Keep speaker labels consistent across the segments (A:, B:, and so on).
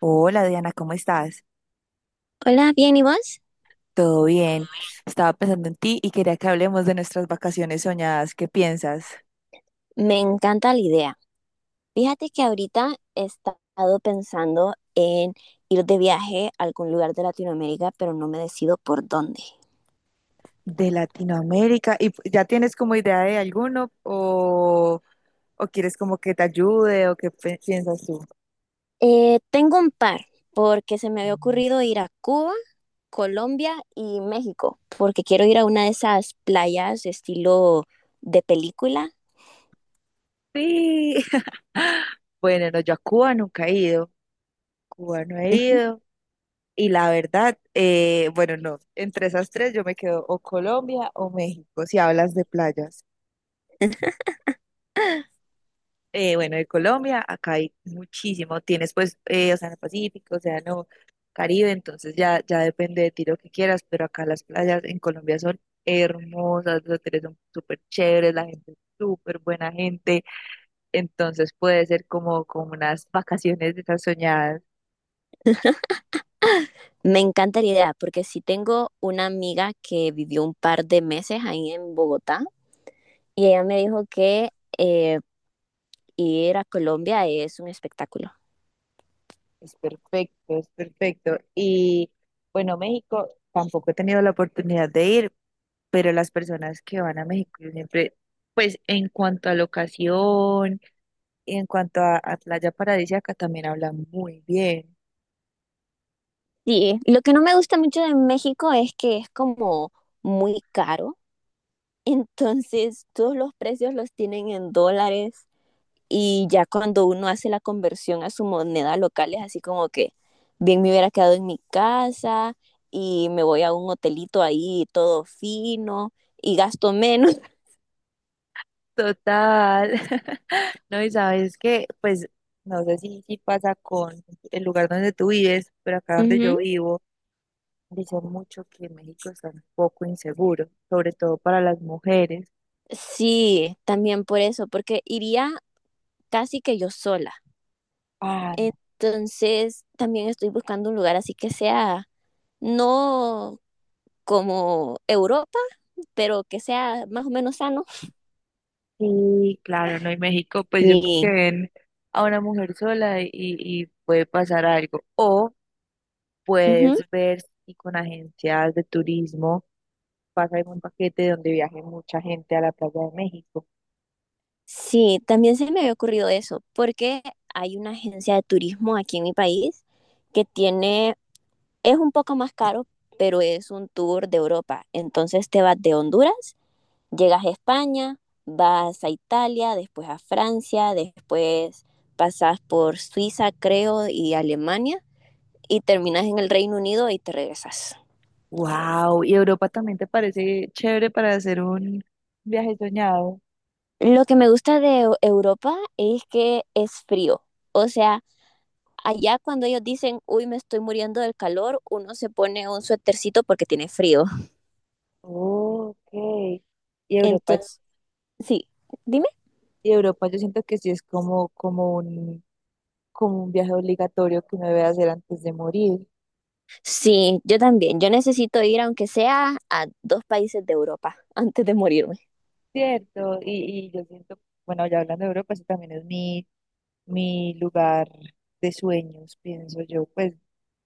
A: Hola Diana, ¿cómo estás?
B: Hola, bien, ¿y vos?
A: ¿Todo bien? Estaba pensando en ti y quería que hablemos de nuestras vacaciones soñadas. ¿Qué piensas
B: Me encanta la idea. Fíjate que ahorita he estado pensando en ir de viaje a algún lugar de Latinoamérica, pero no me decido por dónde.
A: de Latinoamérica? ¿Y ya tienes como idea de alguno o quieres como que te ayude o qué piensas tú?
B: Tengo un par, porque se me había ocurrido ir a Cuba, Colombia y México, porque quiero ir a una de esas playas de estilo de película.
A: Sí. Bueno, no, yo a Cuba nunca he ido. Cuba no he ido. Y la verdad, bueno, no, entre esas tres yo me quedo o Colombia o México, si hablas de playas. Bueno, de Colombia, acá hay muchísimo. Tienes pues Océano Pacífico, Océano Caribe, entonces ya depende de ti lo que quieras, pero acá las playas en Colombia son hermosas, los hoteles son súper chéveres, la gente es súper buena gente, entonces puede ser como unas vacaciones de esas soñadas.
B: Me encanta la idea, porque sí tengo una amiga que vivió un par de meses ahí en Bogotá y ella me dijo que... em, ir a Colombia es un espectáculo.
A: Es perfecto, es perfecto. Y bueno, México, tampoco he tenido la oportunidad de ir, pero las personas que van a México yo siempre, pues en cuanto a locación, y en cuanto a Playa Paradisíaca, también habla muy bien.
B: Sí, lo que no me gusta mucho de México es que es como muy caro, entonces todos los precios los tienen en dólares y ya cuando uno hace la conversión a su moneda local es así como que bien me hubiera quedado en mi casa y me voy a un hotelito ahí todo fino y gasto menos.
A: Total. No, y sabes que, pues, no sé si pasa con el lugar donde tú vives, pero acá
B: Uh
A: donde yo
B: -huh.
A: vivo, dicen mucho que México está un poco inseguro, sobre todo para las mujeres.
B: Sí, también por eso, porque iría casi que yo sola.
A: Ah, no.
B: Entonces, también estoy buscando un lugar así que sea no como Europa, pero que sea más o menos sano.
A: Sí, claro, no, y México, pues yo creo que
B: Sí.
A: ven a una mujer sola y puede pasar algo. O
B: Ujú.
A: puedes ver si con agencias de turismo pasa en un paquete donde viaje mucha gente a la playa de México.
B: Sí, también se me había ocurrido eso, porque hay una agencia de turismo aquí en mi país que tiene, es un poco más caro, pero es un tour de Europa. Entonces te vas de Honduras, llegas a España, vas a Italia, después a Francia, después pasas por Suiza, creo, y Alemania, y terminas en el Reino Unido y te regresas.
A: Wow, ¿y Europa también te parece chévere para hacer un viaje soñado?
B: Lo que me gusta de Europa es que es frío. O sea, allá cuando ellos dicen, uy, me estoy muriendo del calor, uno se pone un suétercito porque tiene frío.
A: Okay, y Europa,
B: Entonces, sí, dime.
A: y Europa yo siento que sí es como un viaje obligatorio que uno debe hacer antes de morir.
B: Sí, yo también. Yo necesito ir, aunque sea a 2 países de Europa antes de morirme.
A: Cierto, y yo siento, bueno, ya hablando de Europa, ese también es mi lugar de sueños, pienso yo. Pues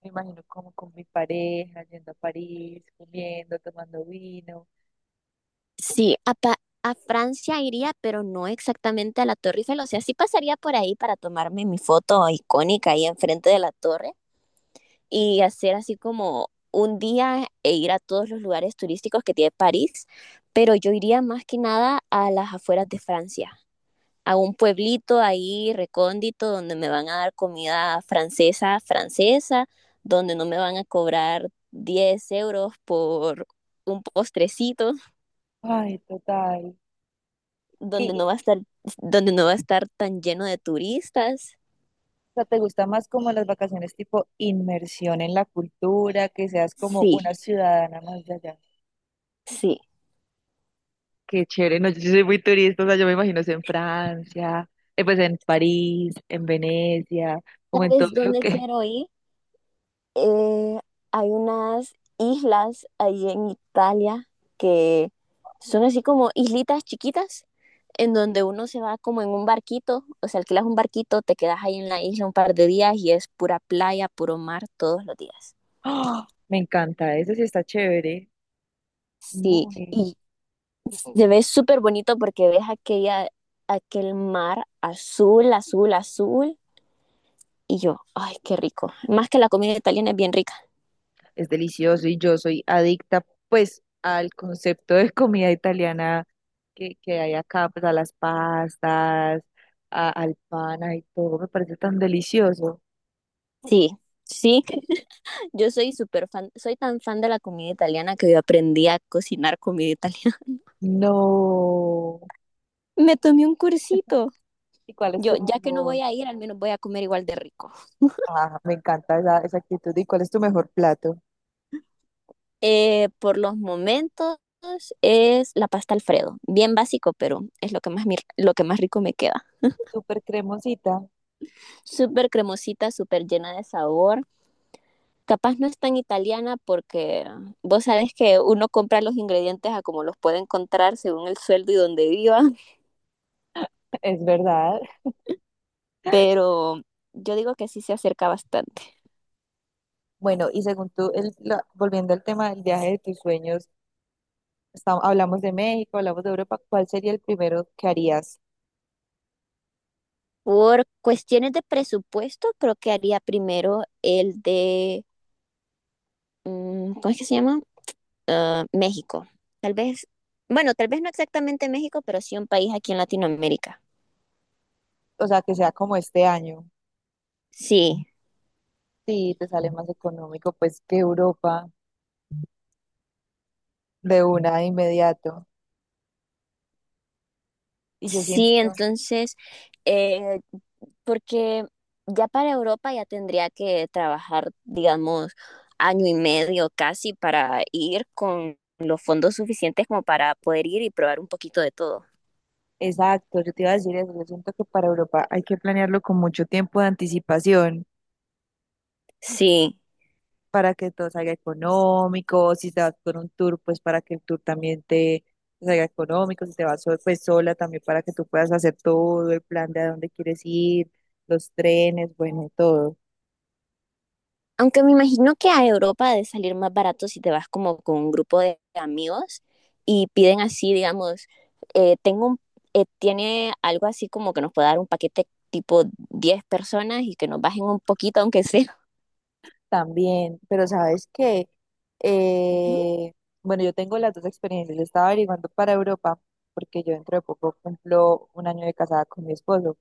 A: me imagino como con mi pareja, yendo a París, comiendo, tomando vino.
B: Sí, a Francia iría, pero no exactamente a la Torre Eiffel. O sea, sí pasaría por ahí para tomarme mi foto icónica ahí enfrente de la torre, y hacer así como un día e ir a todos los lugares turísticos que tiene París, pero yo iría más que nada a las afueras de Francia, a un pueblito ahí recóndito donde me van a dar comida francesa, francesa, donde no me van a cobrar 10 euros por un postrecito,
A: Ay, total. Y,
B: donde
A: y,
B: no va a estar, donde no va a estar tan lleno de turistas.
A: o sea, ¿te gusta más como las vacaciones tipo inmersión en la cultura, que seas como una
B: Sí,
A: ciudadana más de allá?
B: sí.
A: Qué chévere, no, yo sí soy muy turista, o sea, yo me imagino es en Francia, pues en París, en Venecia, como en todo
B: ¿Sabes
A: lo
B: dónde
A: que...
B: quiero ir? Eh, hay unas islas ahí en Italia que son así como islitas chiquitas en donde uno se va como en un barquito, o sea, alquilas un barquito, te quedas ahí en la isla un par de días y es pura playa, puro mar todos los días.
A: ¡Ah! Me encanta, eso sí está chévere,
B: Sí,
A: muy.
B: y se ve súper bonito porque ves aquella, aquel mar azul, azul, azul, y yo, ay, qué rico. Más que la comida italiana es bien rica.
A: Es delicioso y yo soy adicta pues al concepto de comida italiana que hay acá, pues a las pastas, al pan, y todo, me parece tan delicioso.
B: Sí, sí, yo soy súper fan, soy tan fan de la comida italiana que yo aprendí a cocinar comida italiana.
A: No.
B: Me tomé un cursito.
A: ¿Y cuál es
B: Yo,
A: tu
B: ya que no
A: mejor?
B: voy a ir, al menos voy a comer igual de rico.
A: Ah, me encanta esa actitud. ¿Y cuál es tu mejor plato?
B: Por los momentos es la pasta Alfredo. Bien básico, pero es lo que más rico me queda.
A: Súper cremosita,
B: Súper cremosita, súper llena de sabor. Capaz no es tan italiana porque vos sabés que uno compra los ingredientes a como los puede encontrar según el sueldo y donde viva,
A: es verdad.
B: pero yo digo que sí se acerca bastante.
A: Bueno, y según tú, volviendo al tema del viaje de tus sueños, hablamos de México, hablamos de Europa, ¿cuál sería el primero que harías?
B: Por cuestiones de presupuesto, creo que haría primero el de, ¿cómo es que se llama? Ah, México. Tal vez, bueno, tal vez no exactamente México, pero sí un país aquí en Latinoamérica.
A: O sea, que sea como este año.
B: Sí,
A: Sí, te sale más económico, pues, que Europa de una de inmediato. Y yo siento
B: sí, entonces, eh, porque ya para Europa ya tendría que trabajar, digamos, año y medio casi para ir con los fondos suficientes como para poder ir y probar un poquito de todo.
A: exacto, yo te iba a decir eso. Yo siento que para Europa hay que planearlo con mucho tiempo de anticipación
B: Sí.
A: para que todo salga económico. Si te vas con un tour, pues para que el tour también te salga económico. Si te vas pues sola también para que tú puedas hacer todo el plan de a dónde quieres ir, los trenes, bueno, todo
B: Aunque me imagino que a Europa ha de salir más barato si te vas como con un grupo de amigos y piden así, digamos, eh, tengo un- tiene algo así como que nos pueda dar un paquete tipo 10 personas y que nos bajen un poquito, aunque sea.
A: también. Pero sabes que,
B: Ujú.
A: bueno, yo tengo las dos experiencias. Yo estaba averiguando para Europa porque yo dentro de poco cumplo un año de casada con mi esposo,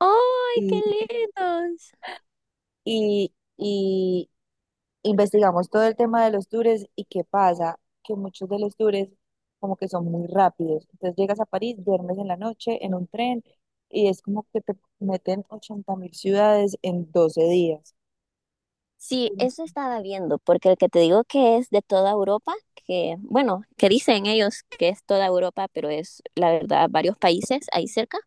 B: ¡Ay, qué lindos!
A: y investigamos todo el tema de los tours y qué pasa, que muchos de los tours como que son muy rápidos. Entonces llegas a París, duermes en la noche en un tren y es como que te meten 80.000 ciudades en 12 días.
B: Sí, eso estaba viendo, porque el que te digo que es de toda Europa, que bueno, que dicen ellos que es toda Europa, pero es la verdad varios países ahí cerca.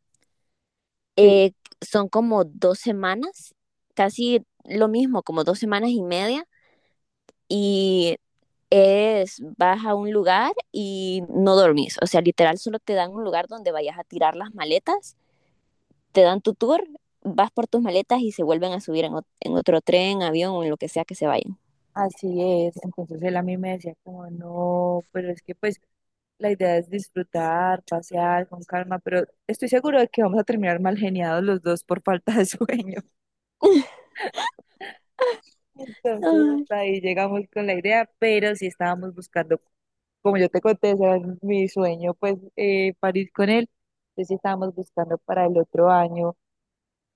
A: Sí,
B: Eh, son como 2 semanas, casi lo mismo, como 2 semanas y media. Y es, vas a un lugar y no dormís. O sea, literal, solo te dan un lugar donde vayas a tirar las maletas, te dan tu tour, vas por tus maletas y se vuelven a subir en otro tren, avión o en lo que sea que se vayan.
A: así es. Entonces él a mí me decía como no, pero es que pues la idea es disfrutar, pasear con calma, pero estoy seguro de que vamos a terminar mal geniados los dos por falta de sueño. Entonces
B: Ah,
A: hasta ahí llegamos con la idea, pero sí estábamos buscando, como yo te conté, ese era mi sueño, pues París con él. Entonces sí estábamos buscando para el otro año,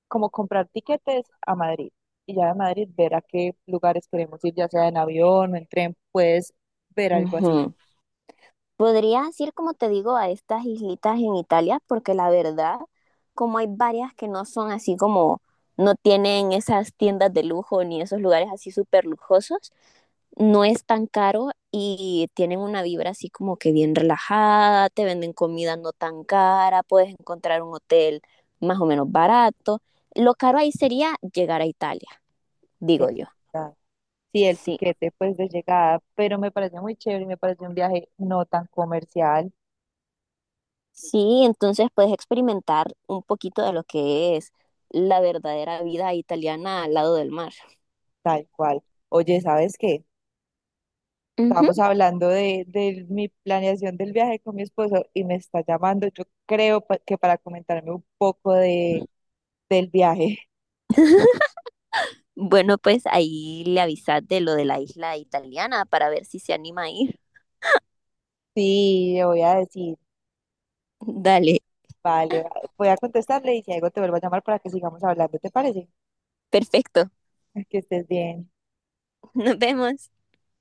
A: como comprar tiquetes a Madrid y ya de Madrid ver a qué lugares queremos ir, ya sea en avión o en tren, puedes ver algo así.
B: ujú. Podrías ir, como te digo, a estas islitas en Italia, porque la verdad, como hay varias que no son así como, no tienen esas tiendas de lujo ni esos lugares así súper lujosos, no es tan caro y tienen una vibra así como que bien relajada, te venden comida no tan cara, puedes encontrar un hotel más o menos barato. Lo caro ahí sería llegar a Italia, digo yo.
A: Está- Sí, el
B: Sí.
A: tiquete pues de llegada, pero me parece muy chévere, y me parece un viaje no tan comercial,
B: Sí, entonces puedes experimentar un poquito de lo que es la verdadera vida italiana al lado del mar.
A: tal cual. Oye, ¿sabes qué?
B: Ujú.
A: Estábamos hablando de mi planeación del viaje con mi esposo y me está llamando, yo creo que para comentarme un poco del viaje.
B: Bueno, pues ahí le avisas de lo de la isla italiana para ver si se anima a ir.
A: Sí, le voy a decir,
B: Dale,
A: vale, voy a contestarle y si algo te vuelvo a llamar para que sigamos hablando, ¿te parece?
B: perfecto.
A: Que estés bien.
B: Nos vemos.